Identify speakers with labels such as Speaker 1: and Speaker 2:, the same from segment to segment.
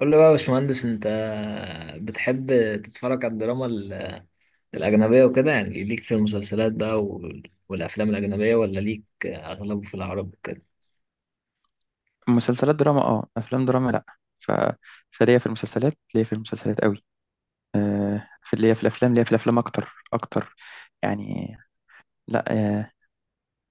Speaker 1: قول لي بقى يا باشمهندس انت بتحب تتفرج على الأجنبية وكده، يعني ليك في المسلسلات بقى والأفلام الأجنبية، ولا ليك أغلبه في العرب وكده؟
Speaker 2: مسلسلات دراما، افلام دراما. لا. ف... فليا في المسلسلات ليا في المسلسلات قوي. في ليا في الافلام ليا في الافلام اكتر اكتر، يعني. لا، آه،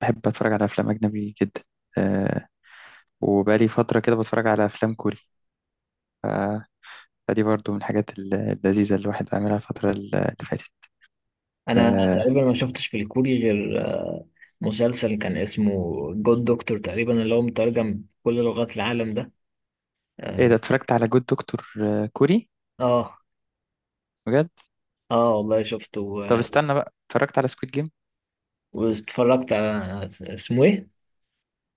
Speaker 2: بحب اتفرج على افلام اجنبي جدا. آه، وبقالي فتره كده بتفرج على افلام كوري. ف... فدي برضو من الحاجات اللذيذه اللي الواحد عاملها الفتره اللي فاتت.
Speaker 1: أنا
Speaker 2: آه،
Speaker 1: تقريبا ما شفتش في الكوري غير مسلسل كان اسمه جود دكتور، تقريبا اللي هو مترجم كل لغات العالم ده.
Speaker 2: ايه ده،
Speaker 1: اه.
Speaker 2: اتفرجت على جود دكتور كوري
Speaker 1: اه،
Speaker 2: بجد؟
Speaker 1: والله شفته
Speaker 2: طب استنى بقى، اتفرجت على سكويد جيم.
Speaker 1: واتفرجت على اسمه ايه؟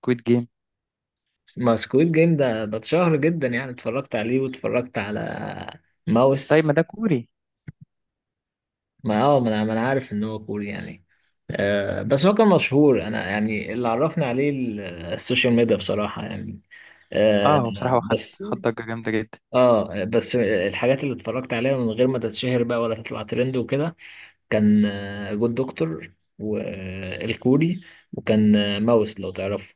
Speaker 2: سكويد جيم.
Speaker 1: ما سكويد جيم ده اتشهر جدا يعني، اتفرجت عليه واتفرجت على
Speaker 2: طيب
Speaker 1: ماوس.
Speaker 2: ما ده كوري.
Speaker 1: ما اه ما انا ما أنا عارف ان هو كوري يعني، آه، بس هو كان مشهور. انا يعني اللي عرفني عليه السوشيال ميديا بصراحة يعني.
Speaker 2: اه،
Speaker 1: آه.
Speaker 2: هو بصراحه، هو خد
Speaker 1: بس
Speaker 2: خد ضجه جامده جدا.
Speaker 1: اه، بس الحاجات اللي اتفرجت عليها من غير ما تتشهر بقى ولا تطلع ترند وكده كان جود دكتور والكوري، وكان ماوس، لو تعرفه.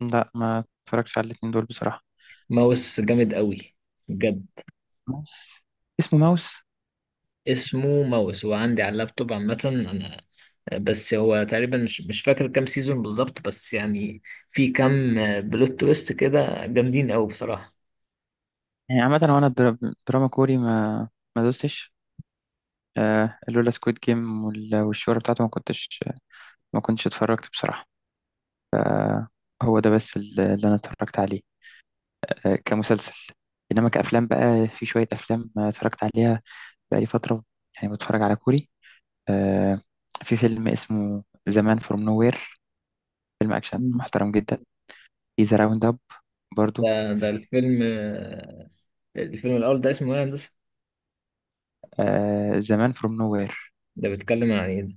Speaker 2: لا، ما اتفرجش على الاتنين دول بصراحه.
Speaker 1: ماوس جامد قوي بجد.
Speaker 2: ماوس. اسمه ماوس.
Speaker 1: اسمه ماوس، هو عندي على اللابتوب عامة انا. بس هو تقريبا مش فاكر كام سيزون بالظبط، بس يعني في كام بلوت تويست كده جامدين قوي بصراحة.
Speaker 2: يعني عامة، هو أنا دراما كوري ما دوستش. آه، لولا سكويد جيم والشهرة بتاعته ما كنتش اتفرجت بصراحة. هو ده بس اللي أنا اتفرجت عليه، آه، كمسلسل. إنما كأفلام بقى، في شوية أفلام اتفرجت عليها بقالي فترة، يعني بتفرج على كوري. آه، في فيلم اسمه زمان فروم نوير، فيلم أكشن
Speaker 1: مم.
Speaker 2: محترم جدا. في ذا راوند أب
Speaker 1: ده
Speaker 2: برضو.
Speaker 1: ده الفيلم الفيلم الأول ده اسمه إيه يا هندسة؟
Speaker 2: آه، زمان فروم نوير،
Speaker 1: ده بيتكلم عن إيه ده؟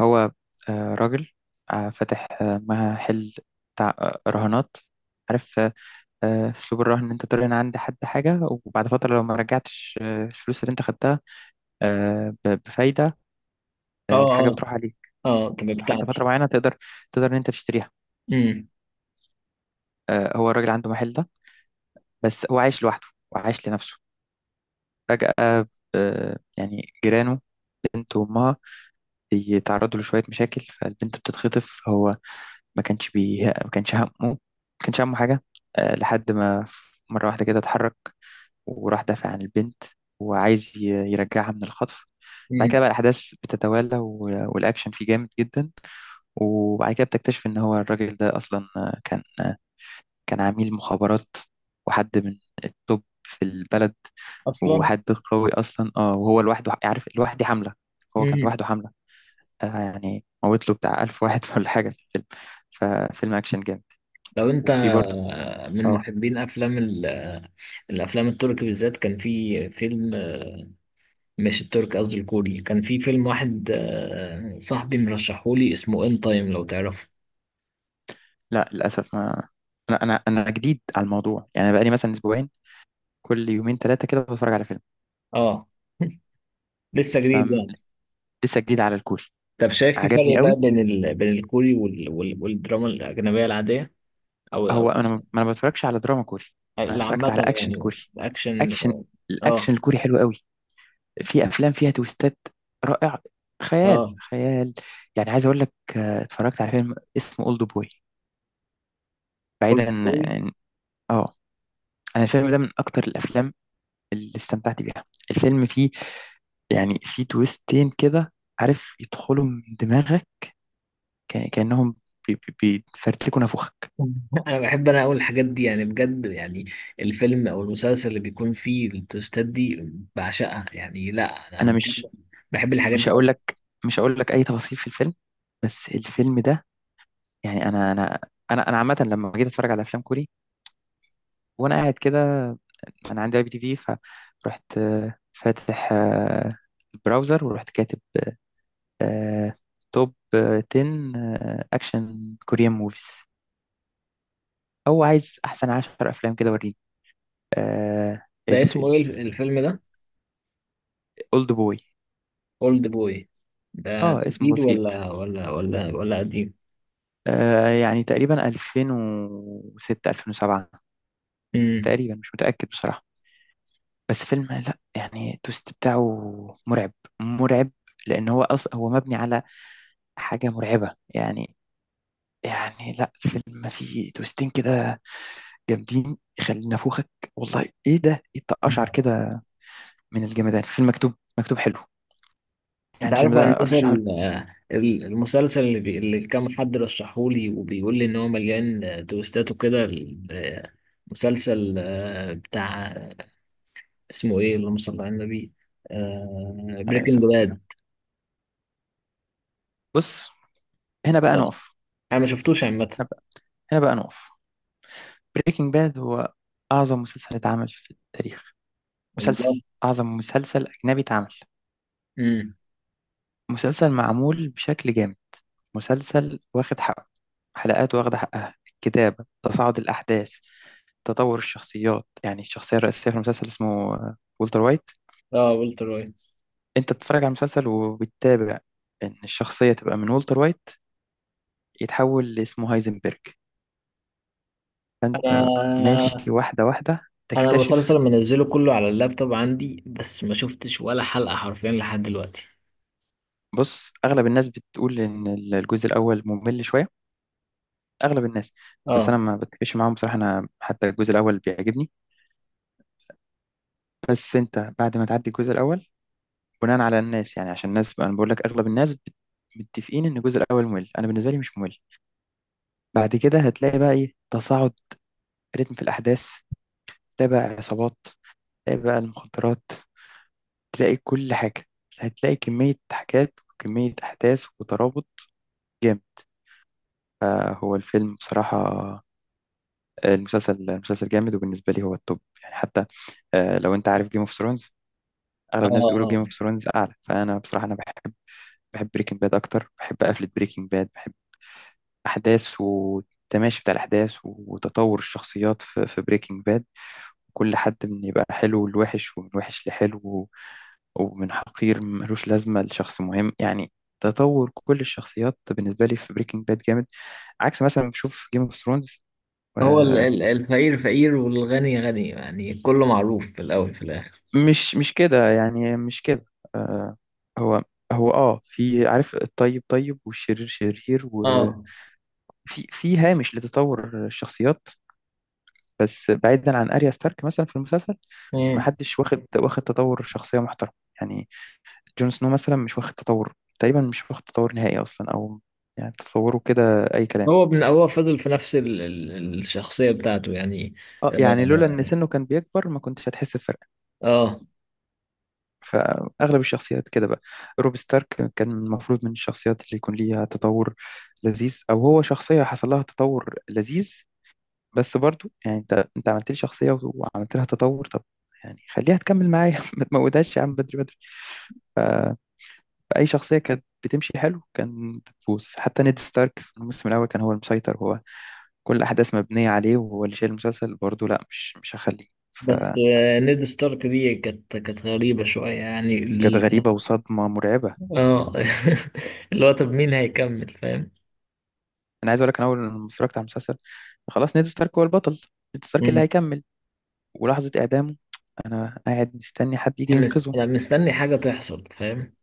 Speaker 2: هو راجل فاتح محل بتاع رهانات، عارف. اسلوب الرهن ان انت ترهن عند حد حاجه، وبعد فتره لو ما رجعتش الفلوس اللي انت خدتها بفايده،
Speaker 1: آه.
Speaker 2: الحاجه
Speaker 1: آه.
Speaker 2: بتروح عليك.
Speaker 1: آه طب
Speaker 2: لحد فتره
Speaker 1: بتاعتي.
Speaker 2: معينه تقدر تقدر ان انت تشتريها.
Speaker 1: أمم.
Speaker 2: هو الراجل عنده محل ده، بس هو عايش لوحده وعايش لنفسه. فجاه، يعني جيرانه، بنت وامها، بيتعرضوا لشويه مشاكل، فالبنت بتتخطف. هو ما كانش همه حاجة، لحد ما مرة واحدة كده اتحرك، وراح دافع عن البنت، وعايز يرجعها من الخطف. بعد
Speaker 1: أمم.
Speaker 2: كده بقى الأحداث بتتوالى، والأكشن فيه جامد جدا. وبعد كده بتكتشف إن هو الراجل ده أصلا كان عميل مخابرات، وحد من التوب في البلد،
Speaker 1: أصلا.
Speaker 2: وحد قوي أصلا. اه وهو لوحده، عارف، لوحده حملة. هو كان
Speaker 1: أمم.
Speaker 2: لوحده حملة، يعني موت له بتاع ألف واحد ولا حاجة في الفيلم. ففيلم أكشن جامد.
Speaker 1: لو أنت
Speaker 2: وفي برضه.
Speaker 1: من
Speaker 2: اه
Speaker 1: محبين أفلام ال- آه، الأفلام التركي بالذات، كان في فيلم مش التركي قصدي الكوري، كان في فيلم واحد صاحبي مرشحولي اسمه إن تايم، لو تعرفه.
Speaker 2: لا، للاسف، ما انا جديد على الموضوع، يعني أنا بقالي مثلا اسبوعين، كل يومين ثلاثه كده بتفرج على فيلم.
Speaker 1: اه. لسه جديد يعني.
Speaker 2: فلسه جديد على الكوري.
Speaker 1: طب شايف في
Speaker 2: عجبني
Speaker 1: فرق بقى
Speaker 2: قوي.
Speaker 1: بين الكوري والدراما الأجنبية العادية، أو أو
Speaker 2: هو انا ما انا بتفرجش على دراما كوري، انا
Speaker 1: اللي
Speaker 2: اتفرجت
Speaker 1: عامة
Speaker 2: على اكشن
Speaker 1: يعني
Speaker 2: كوري.
Speaker 1: الأكشن؟
Speaker 2: اكشن.
Speaker 1: اه.
Speaker 2: الاكشن الكوري حلو قوي، في افلام فيها تويستات، رائع. خيال
Speaker 1: اه.
Speaker 2: خيال. يعني عايز اقول لك، اتفرجت على فيلم اسمه اولد بوي.
Speaker 1: كله
Speaker 2: بعيدا
Speaker 1: كوري.
Speaker 2: عن- اه انا الفيلم ده من اكتر الافلام اللي استمتعت بيها. الفيلم فيه، يعني، في تويستين كده، عارف، يدخلوا من دماغك، كأنهم بي- بيفرتكوا نافوخك.
Speaker 1: أنا بحب، أنا أقول الحاجات دي يعني بجد يعني، الفيلم أو المسلسل اللي بيكون فيه التويستات دي بعشقها يعني. لا، أنا
Speaker 2: انا
Speaker 1: أنا بحب، بحب الحاجات
Speaker 2: مش
Speaker 1: دي
Speaker 2: هقول
Speaker 1: أكتر.
Speaker 2: لك مش هقول لك اي تفاصيل في الفيلم. بس الفيلم ده، يعني، انا عامه لما جيت اتفرج على افلام كوري، وانا قاعد كده، انا عندي اي بي تي في، فرحت فاتح البراوزر، ورحت كاتب آه، توب 10 اكشن كوريان موفيز، او عايز احسن 10 افلام كده وريني. آه،
Speaker 1: ده
Speaker 2: الف-
Speaker 1: اسمه إيه الفيلم ده؟
Speaker 2: اولد بوي.
Speaker 1: أولد بوي. ده
Speaker 2: اه،
Speaker 1: ده
Speaker 2: اسم
Speaker 1: جديد
Speaker 2: بسيط.
Speaker 1: ولا قديم؟
Speaker 2: آه يعني تقريبا 2006، 2007،
Speaker 1: مم.
Speaker 2: تقريبا. مش متأكد بصراحة. بس فيلم، لا يعني، التوست بتاعه مرعب، مرعب، لأن هو هو مبني على حاجة مرعبة، يعني. يعني لا، الفيلم فيه توستين كده جامدين، يخلي نافوخك، والله. ايه ده، ايه التقشعر كده من الجمدان. فيلم مكتوب، مكتوب حلو،
Speaker 1: انت
Speaker 2: يعني. الفيلم
Speaker 1: عارف يا
Speaker 2: ده
Speaker 1: هندسه
Speaker 2: ارشحه.
Speaker 1: المسلسل اللي كام حد رشحهولي وبيقول لي ان هو مليان تويستات وكده، مسلسل بتاع اسمه ايه، اللهم صل على النبي،
Speaker 2: على
Speaker 1: بريكنج
Speaker 2: الصلاة
Speaker 1: باد؟
Speaker 2: والسلام. بص، هنا بقى نقف
Speaker 1: انا ما شفتوش عامه.
Speaker 2: هنا بقى هنا بقى نقف. بريكنج باد هو أعظم مسلسل اتعمل في التاريخ.
Speaker 1: والله.
Speaker 2: مسلسل، أعظم مسلسل أجنبي اتعمل.
Speaker 1: امم.
Speaker 2: مسلسل معمول بشكل جامد. مسلسل واخد حقه، حلقاته واخدة حقها، الكتابة، تصاعد الأحداث، تطور الشخصيات. يعني الشخصية الرئيسية في المسلسل اسمه والتر وايت.
Speaker 1: اه، والتر وايت.
Speaker 2: أنت بتتفرج على المسلسل وبتتابع إن الشخصية تبقى من والتر وايت يتحول لاسمه هايزنبرج. فأنت
Speaker 1: انا
Speaker 2: ماشي واحدة واحدة
Speaker 1: انا المسلسل
Speaker 2: تكتشف.
Speaker 1: منزله كله على اللابتوب عندي، بس ما شفتش ولا حلقه حرفيا لحد دلوقتي.
Speaker 2: بص، أغلب الناس بتقول إن الجزء الأول ممل شوية، اغلب الناس. بس انا
Speaker 1: اه.
Speaker 2: ما بتفقش معاهم بصراحه، انا حتى الجزء الاول بيعجبني. بس انت بعد ما تعدي الجزء الاول، بناء على الناس يعني، عشان الناس بقى، انا بقول لك اغلب الناس متفقين ان الجزء الاول ممل، انا بالنسبه لي مش ممل. بعد كده هتلاقي بقى ايه، تصاعد رتم في الاحداث، تلاقي بقى عصابات، تلاقي بقى المخدرات، تلاقي كل حاجه. هتلاقي كميه حاجات وكميه احداث وترابط جامد. فهو الفيلم بصراحه، المسلسل، المسلسل جامد، وبالنسبه لي هو التوب، يعني. حتى لو انت عارف جيم اوف، اغلب الناس بيقولوا جيم
Speaker 1: اه.
Speaker 2: اوف ثرونز اعلى، فانا بصراحه انا بحب، بحب بريكنج باد اكتر. بحب قفله بريكنج باد، بحب احداث والتماشي بتاع الاحداث وتطور الشخصيات في في بريكنج باد. كل حد من يبقى حلو لوحش، ومن وحش لحلو، ومن حقير ملوش لازمه لشخص مهم، يعني. تطور كل الشخصيات بالنسبه لي في بريكنج باد جامد، عكس مثلا بشوف جيم اوف ثرونز.
Speaker 1: هو الفقير فقير والغني غني يعني، كله معروف في الأول في الآخر.
Speaker 2: مش كده، يعني مش كده. آه، هو، هو اه في، عارف، الطيب طيب والشرير شرير، وفي،
Speaker 1: اه.
Speaker 2: في هامش لتطور الشخصيات. بس بعيدا عن اريا ستارك مثلا في المسلسل، ما
Speaker 1: مم.
Speaker 2: حدش واخد تطور شخصية محترم، يعني. جون سنو مثلا مش واخد تطور، تقريبا مش واخد تطور نهائي اصلا، او يعني تصوره كده، اي كلام.
Speaker 1: هو فضل في نفس ال ال الشخصية بتاعته يعني.
Speaker 2: اه، يعني لولا ان
Speaker 1: اه.
Speaker 2: سنه كان بيكبر ما كنتش هتحس بفرق.
Speaker 1: آه.
Speaker 2: فأغلب الشخصيات كده بقى، روب ستارك كان المفروض من الشخصيات اللي يكون ليها تطور لذيذ، أو هو شخصية حصل لها تطور لذيذ، بس برضو يعني أنت عملت لي شخصية وعملت لها تطور، طب يعني خليها تكمل معايا ما تموتهاش يا عم، بدري بدري. ف- فأي شخصية كانت بتمشي حلو كان بتفوز، حتى نيد ستارك في الموسم الأول كان هو المسيطر، هو كل الأحداث مبنية عليه، وهو اللي شايل المسلسل برضه. لا، مش هخليه.
Speaker 1: بس
Speaker 2: فكانت
Speaker 1: نيد ستارك دي كانت غريبة شوية يعني
Speaker 2: غريبة وصدمة مرعبة.
Speaker 1: اه. اللي هو طب مين هيكمل، فاهم؟
Speaker 2: انا عايز اقول لك، انا اول لما اتفرجت على المسلسل، خلاص نيد ستارك هو البطل، نيد ستارك اللي
Speaker 1: مم.
Speaker 2: هيكمل. ولحظه اعدامه انا قاعد مستني حد يجي ينقذه.
Speaker 1: انا مستني حاجة تحصل، فاهم؟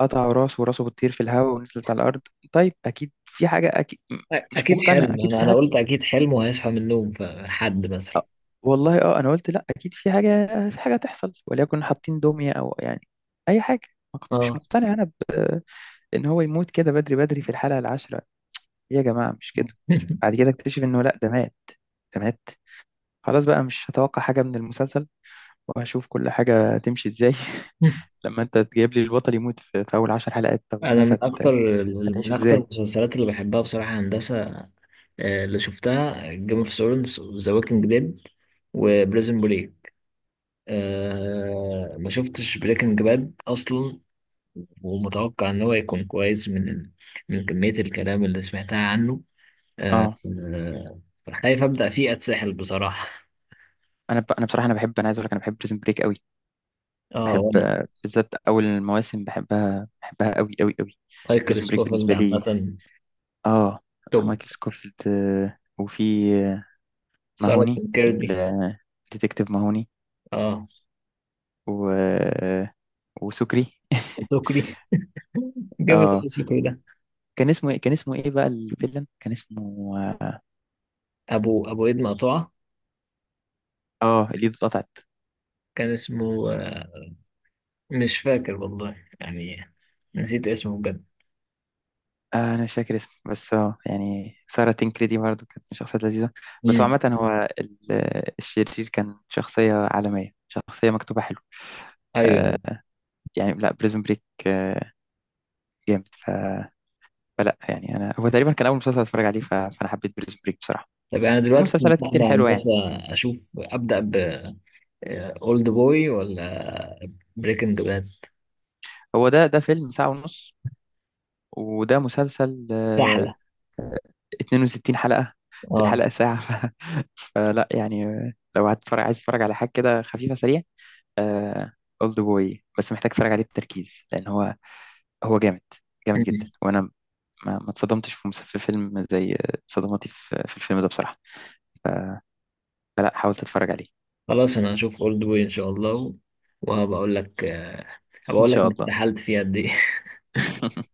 Speaker 2: قطعوا راسه وراسه بتطير في الهواء ونزلت على الارض. طيب، اكيد في حاجه، اكيد مش
Speaker 1: اكيد
Speaker 2: مقتنع،
Speaker 1: حلم،
Speaker 2: اكيد
Speaker 1: انا
Speaker 2: في
Speaker 1: انا
Speaker 2: حاجه.
Speaker 1: قلت اكيد حلم وهيصحى من النوم، فحد مثلا.
Speaker 2: أه، والله، اه انا قلت لا، اكيد في حاجه، في حاجه هتحصل، وليكن حاطين دميه، او يعني اي حاجه. ما كنت-
Speaker 1: اه.
Speaker 2: مش مقتنع انا ان هو يموت كده بدري بدري في الحلقه العاشره. يا جماعه، مش كده. بعد كده اكتشف انه لا، ده مات، ده مات. خلاص بقى مش هتوقع حاجه من المسلسل، وهشوف كل حاجة تمشي ازاي لما انت تجيب لي البطل يموت في, في اول 10 حلقات، طب
Speaker 1: انا
Speaker 2: الناس
Speaker 1: من اكتر،
Speaker 2: هتعيش
Speaker 1: من اكتر
Speaker 2: ازاي؟
Speaker 1: المسلسلات اللي بحبها بصراحه هندسه اللي شفتها جيم اوف ثرونز وذا ووكينج ديد وبريزن بريك. أه، ما شفتش بريكنج باد اصلا، ومتوقع ان هو يكون كويس من، من كميه الكلام اللي سمعتها عنه. أه.
Speaker 2: اه،
Speaker 1: خايف ابدا فيه اتسحل بصراحه.
Speaker 2: انا انا بصراحة انا بحب، انا عايز اقول لك، انا بحب بريزن بريك قوي.
Speaker 1: اه،
Speaker 2: بحب
Speaker 1: وانا
Speaker 2: بالذات اول المواسم، بحبها بحبها قوي قوي قوي.
Speaker 1: مايكل
Speaker 2: بريزن بريك
Speaker 1: سكوفيلد
Speaker 2: بالنسبة لي،
Speaker 1: عامه
Speaker 2: اه،
Speaker 1: توب.
Speaker 2: مايكل سكوفيلد، وفي آه،
Speaker 1: ساره
Speaker 2: ماهوني،
Speaker 1: كيردي.
Speaker 2: الديتكتيف ماهوني،
Speaker 1: اه.
Speaker 2: و... آه، وسكري
Speaker 1: سكري. جامد
Speaker 2: اه،
Speaker 1: الاسم ده.
Speaker 2: كان اسمه ايه بقى الفيلن، كان اسمه
Speaker 1: ابو ايد مقطوعه.
Speaker 2: الايد اتقطعت.
Speaker 1: كان اسمه مش فاكر والله يعني، نسيت اسمه بجد.
Speaker 2: انا مش فاكر اسمه، بس اه يعني سارة تنكري دي برضه كانت من الشخصيات لذيذة، بس هو
Speaker 1: امم.
Speaker 2: عامة هو الشرير كان شخصية عالمية، شخصية مكتوبة حلو. آه
Speaker 1: ايوه.
Speaker 2: يعني لا، بريزون بريك جامد. فلا يعني، انا هو تقريبا كان اول مسلسل اتفرج عليه، فانا حبيت بريزون بريك بصراحة.
Speaker 1: طب انا
Speaker 2: في
Speaker 1: دلوقتي
Speaker 2: مسلسلات كتير
Speaker 1: تنصحني يا
Speaker 2: حلوة، يعني.
Speaker 1: هندسه، اشوف ابدا ب اولد بوي ولا بريكنج باد؟
Speaker 2: هو ده فيلم ساعة ونص، وده مسلسل
Speaker 1: سهله.
Speaker 2: آه 62 حلقة،
Speaker 1: اه.
Speaker 2: الحلقة ساعة ف... فلا يعني، لو هتتفرج، عايز تتفرج على حاجة كده خفيفة سريعة، آه، اولد بوي. بس محتاج اتفرج عليه بتركيز، لان هو جامد، جامد جدا.
Speaker 1: مم.
Speaker 2: وانا ما اتصدمتش في فيلم زي صدماتي في في الفيلم ده بصراحة، فلا حاولت اتفرج عليه
Speaker 1: خلاص، انا هشوف اولد بوي ان شاء الله، وهبقى اقول لك هبقى
Speaker 2: ان
Speaker 1: اقول لك
Speaker 2: شاء
Speaker 1: انا
Speaker 2: الله
Speaker 1: اتسحلت فيها قد ايه.